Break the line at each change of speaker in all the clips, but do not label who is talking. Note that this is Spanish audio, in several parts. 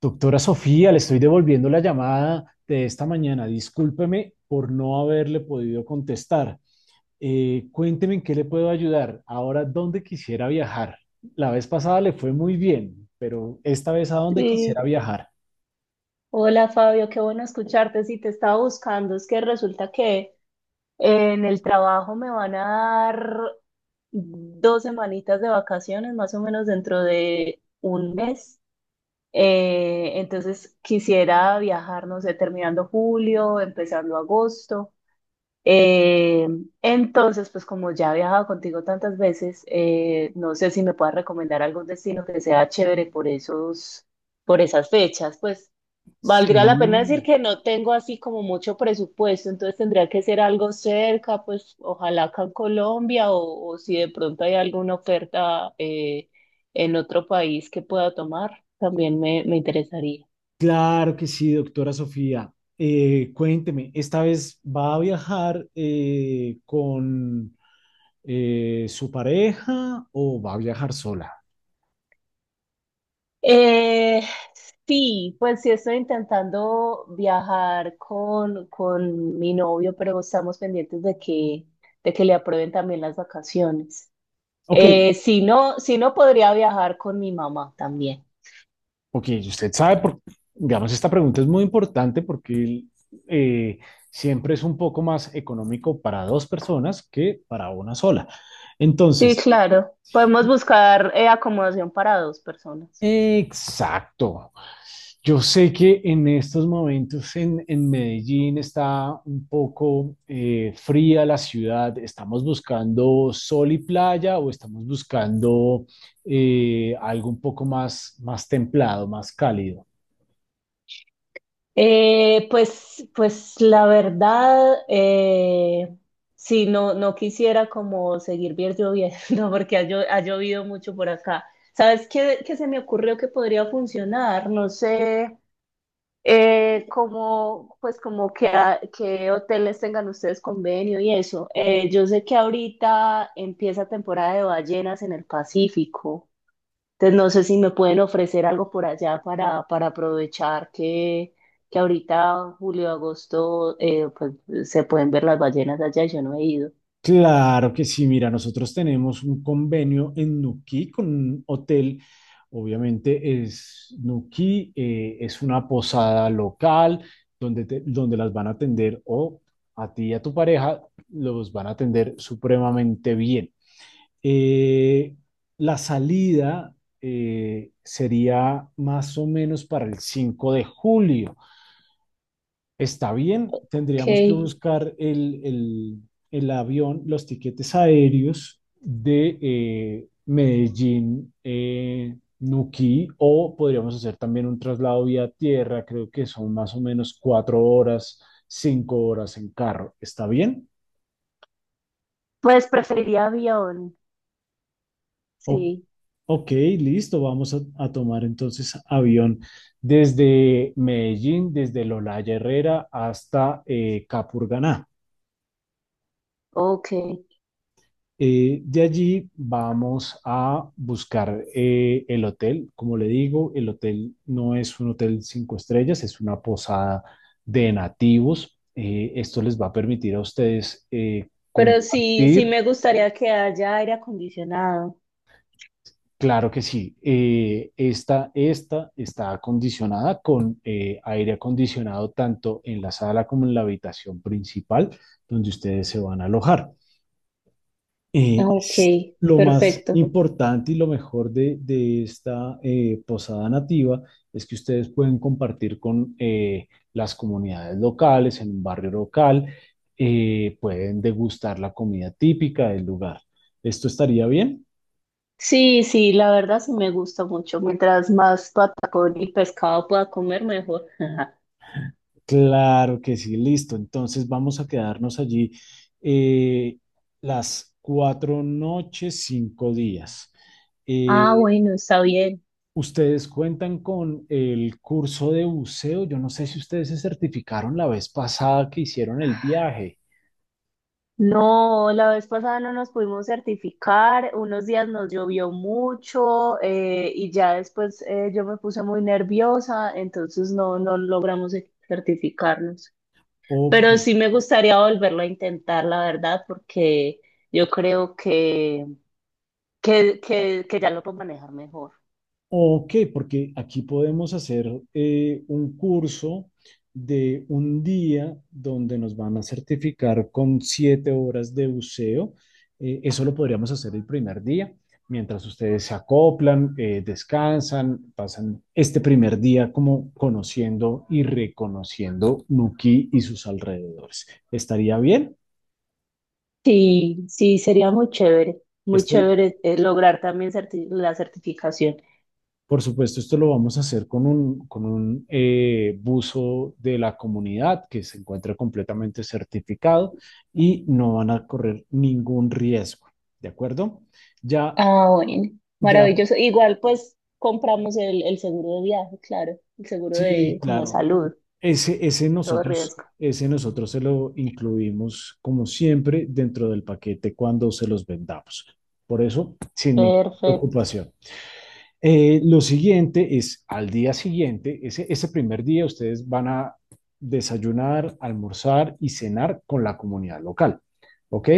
Doctora Sofía, le estoy devolviendo la llamada de esta mañana. Discúlpeme por no haberle podido contestar. Cuénteme en qué le puedo ayudar. Ahora, ¿dónde quisiera viajar? La vez pasada le fue muy bien, pero esta vez, ¿a dónde quisiera
Sí,
viajar?
hola Fabio, qué bueno escucharte. Si te estaba buscando, es que resulta que en el trabajo me van a dar dos semanitas de vacaciones, más o menos dentro de un mes. Entonces quisiera viajar, no sé, terminando julio, empezando agosto. Eh, entonces, pues como ya he viajado contigo tantas veces, no sé si me puedas recomendar algún destino que sea chévere por esos, por esas fechas. Pues valdría la pena decir
Sí,
que no tengo así como mucho presupuesto, entonces tendría que ser algo cerca, pues ojalá acá en Colombia o si de pronto hay alguna oferta en otro país que pueda tomar, también me interesaría.
claro que sí, doctora Sofía. Cuénteme, ¿esta vez va a viajar con su pareja o va a viajar sola?
Eh, sí, pues sí estoy intentando viajar con mi novio, pero estamos pendientes de de que le aprueben también las vacaciones.
Ok.
Si no, si no podría viajar con mi mamá también.
Ok, y usted sabe, por, digamos, esta pregunta es muy importante porque eh, siempre es un poco más económico para dos personas que para una sola.
Sí,
Entonces,
claro. Podemos buscar acomodación para dos personas.
exacto. Yo sé que en estos momentos en Medellín está un poco fría la ciudad. ¿Estamos buscando sol y playa o estamos buscando algo un poco más, más templado, más cálido?
Pues la verdad, sí, no, no quisiera como seguir bien lloviendo porque ha llovido mucho por acá. ¿Sabes qué se me ocurrió que podría funcionar? No sé, pues como que, que hoteles tengan ustedes convenio y eso. Yo sé que ahorita empieza temporada de ballenas en el Pacífico. Entonces, no sé si me pueden ofrecer algo por allá para aprovechar que ahorita, julio, agosto, pues se pueden ver las ballenas allá y yo no he ido.
Claro que sí, mira, nosotros tenemos un convenio en Nuquí con un hotel, obviamente es Nuquí, es una posada local donde, donde las van a atender, o a ti y a tu pareja los van a atender supremamente bien. Eh, la salida sería más o menos para el 5 de julio. Está bien,
Ok.
tendríamos que buscar el avión, los tiquetes aéreos de Medellín, Nuquí, o podríamos hacer también un traslado vía tierra, creo que son más o menos cuatro horas, cinco horas en carro. ¿Está bien?
Pues preferiría avión,
O-
sí,
ok, listo, vamos a tomar entonces avión desde Medellín, desde Lolaya Herrera hasta Capurganá.
ok.
De allí vamos a buscar el hotel. Como le digo, el hotel no es un hotel cinco estrellas, es una posada de nativos. Esto les va a permitir a ustedes
Pero sí, sí
compartir.
me gustaría que haya aire acondicionado.
Claro que sí. Esta está acondicionada con aire acondicionado tanto en la sala como en la habitación principal donde ustedes se van a alojar. Eh,
Ok,
s- lo más
perfecto.
importante y lo mejor de esta posada nativa es que ustedes pueden compartir con las comunidades locales, en un barrio local. Pueden degustar la comida típica del lugar. ¿Esto estaría bien?
Sí, sí, la verdad sí me gusta mucho. Mientras más patacón y pescado pueda comer, mejor.
Claro que sí, listo. Entonces vamos a quedarnos allí eh, las cuatro noches, cinco días.
Ah,
Eh,
bueno, está bien.
Ustedes cuentan con el curso de buceo. Yo no sé si ustedes se certificaron la vez pasada que hicieron el viaje.
No, la vez pasada no nos pudimos certificar, unos días nos llovió mucho y ya después yo me puse muy nerviosa, entonces no, no logramos certificarnos.
Ok.
Pero sí me gustaría volverlo a intentar, la verdad, porque yo creo que ya lo puedo manejar mejor.
Ok, porque aquí podemos hacer un curso de un día donde nos van a certificar con siete horas de buceo. Eso lo podríamos hacer el primer día, mientras ustedes se acoplan, descansan, pasan este primer día como conociendo y reconociendo Nuquí y sus alrededores. ¿Estaría bien?
Sí, sí, sería muy
Esto,
chévere lograr también la certificación.
por supuesto, esto lo vamos a hacer con un buzo de la comunidad que se encuentra completamente certificado y no van a correr ningún riesgo, ¿de acuerdo? Ya,
Ah, bueno,
ya,
maravilloso. Igual pues compramos el seguro de viaje, claro, el seguro de
sí,
como de
claro,
salud,
ese, ese
todo
nosotros,
riesgo.
ese nosotros se lo incluimos como siempre dentro del paquete cuando se los vendamos. Por eso, sin ninguna
Perfecto.
preocupación. Lo siguiente es, al día siguiente, ese primer día ustedes van a desayunar, almorzar y cenar con la comunidad local. ¿Ok?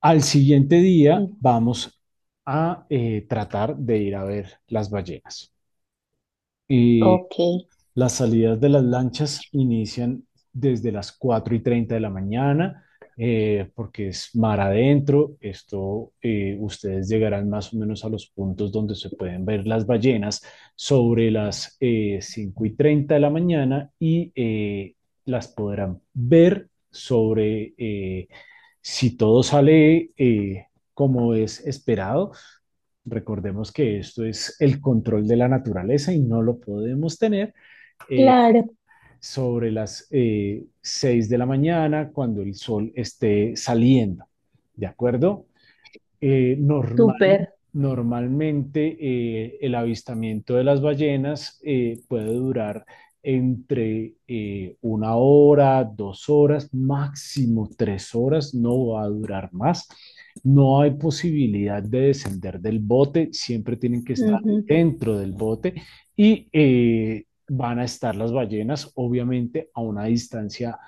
Al siguiente día
Mm.
vamos a tratar de ir a ver las ballenas. Y
Ok,
las salidas de las lanchas inician desde las 4 y 30 de la mañana, porque es mar adentro. Esto, ustedes llegarán más o menos a los puntos donde se pueden ver las ballenas sobre las 5 y 30 de la mañana y las podrán ver sobre, si todo sale como es esperado. Recordemos que esto es el control de la naturaleza y no lo podemos tener eh,
claro,
sobre las 6 de la mañana cuando el sol esté saliendo. ¿De acuerdo? Eh, normal,
súper.
Normalmente el avistamiento de las ballenas puede durar entre una hora, dos horas, máximo tres horas, no va a durar más. No hay posibilidad de descender del bote, siempre tienen que estar
Ujú.
dentro del bote y van a estar las ballenas, obviamente, a una distancia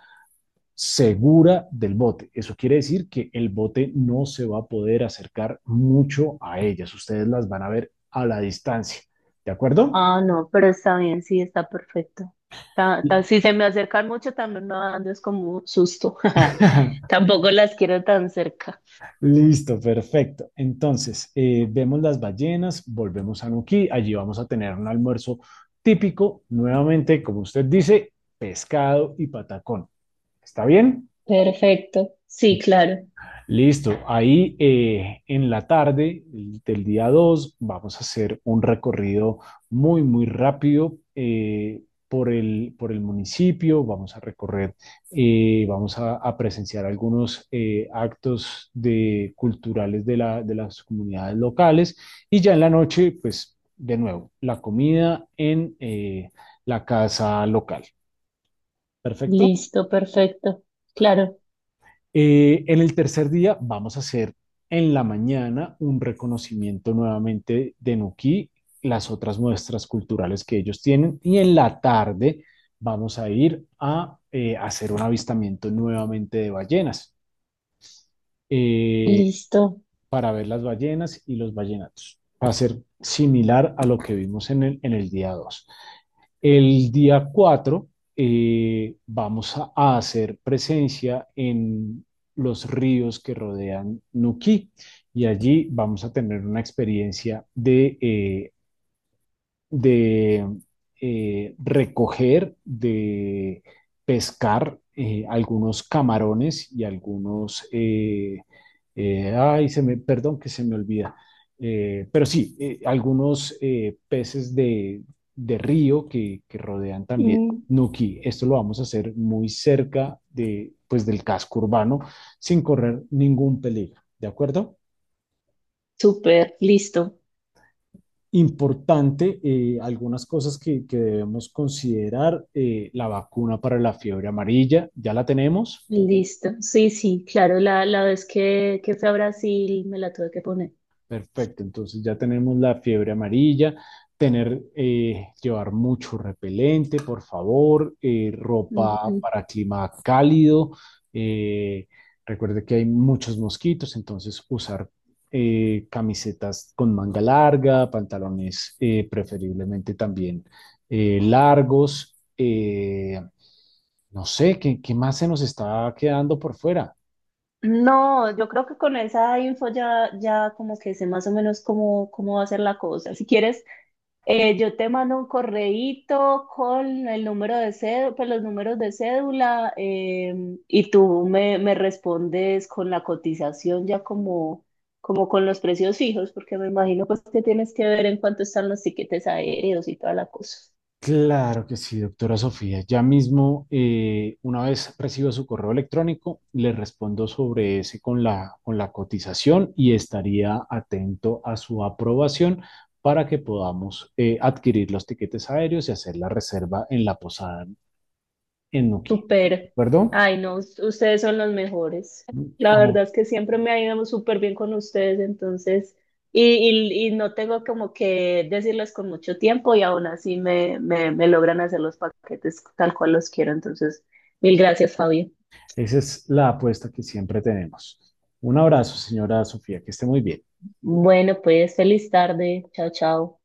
segura del bote. Eso quiere decir que el bote no se va a poder acercar mucho a ellas. Ustedes las van a ver a la distancia. ¿De acuerdo?
Ah, no, pero está bien, sí, está perfecto. Si se me acercan mucho también me va dando es como susto. Tampoco las quiero tan cerca.
Listo, perfecto. Entonces, vemos las ballenas, volvemos a Nuquí, allí vamos a tener un almuerzo típico, nuevamente, como usted dice, pescado y patacón. ¿Está bien?
Perfecto, sí, claro.
Listo, ahí en la tarde del día 2 vamos a hacer un recorrido muy, muy rápido por el municipio, vamos a recorrer, vamos a presenciar algunos actos de, culturales de, la, de las comunidades locales, y ya en la noche, pues de nuevo, la comida en la casa local. ¿Perfecto?
Listo, perfecto. Claro,
En el tercer día vamos a hacer en la mañana un reconocimiento nuevamente de Nuquí, las otras muestras culturales que ellos tienen, y en la tarde vamos a ir a hacer un avistamiento nuevamente de ballenas, eh,
listo.
para ver las ballenas y los ballenatos. Va a ser similar a lo que vimos en el día 2. El día 4 vamos a hacer presencia en los ríos que rodean Nuquí, y allí vamos a tener una experiencia de de recoger, de pescar algunos camarones y algunos, ay, perdón que se me olvida, pero sí, algunos peces de río que rodean también
Mm,
Nuki. Esto lo vamos a hacer muy cerca de, pues, del casco urbano sin correr ningún peligro, ¿de acuerdo?
súper, listo.
Importante, algunas cosas que debemos considerar, la vacuna para la fiebre amarilla, ya la tenemos.
Listo. Sí, sí, claro, la vez que fui a Brasil me la tuve que poner.
Perfecto, entonces ya tenemos la fiebre amarilla, tener, llevar mucho repelente, por favor, ropa
Ujú.
para clima cálido. eh, Recuerde que hay muchos mosquitos, entonces usar camisetas con manga larga, pantalones preferiblemente también largos. No sé, qué más se nos está quedando por fuera?
No, yo creo que con esa info ya, ya como que sé más o menos cómo, cómo va a ser la cosa. Si quieres, yo te mando un correíto con el número de cédula, pues los números de cédula, y tú me respondes con la cotización ya como, como con los precios fijos, porque me imagino pues que tienes que ver en cuánto están los tiquetes aéreos y toda la cosa.
Claro que sí, doctora Sofía. Ya mismo, una vez reciba su correo electrónico, le respondo sobre ese con la cotización, y estaría atento a su aprobación para que podamos adquirir los tiquetes aéreos y hacer la reserva en la posada en Nuquí. ¿De
Súper.
acuerdo?
Ay, no, ustedes son los mejores. La verdad
Como-
es que siempre me ha ido súper bien con ustedes, entonces, y no tengo como que decirles con mucho tiempo y aún así me logran hacer los paquetes tal cual los quiero. Entonces, mil gracias, Fabio.
Esa es la apuesta que siempre tenemos. Un abrazo, señora Sofía, que esté muy bien.
Bueno, pues feliz tarde. Chao, chao.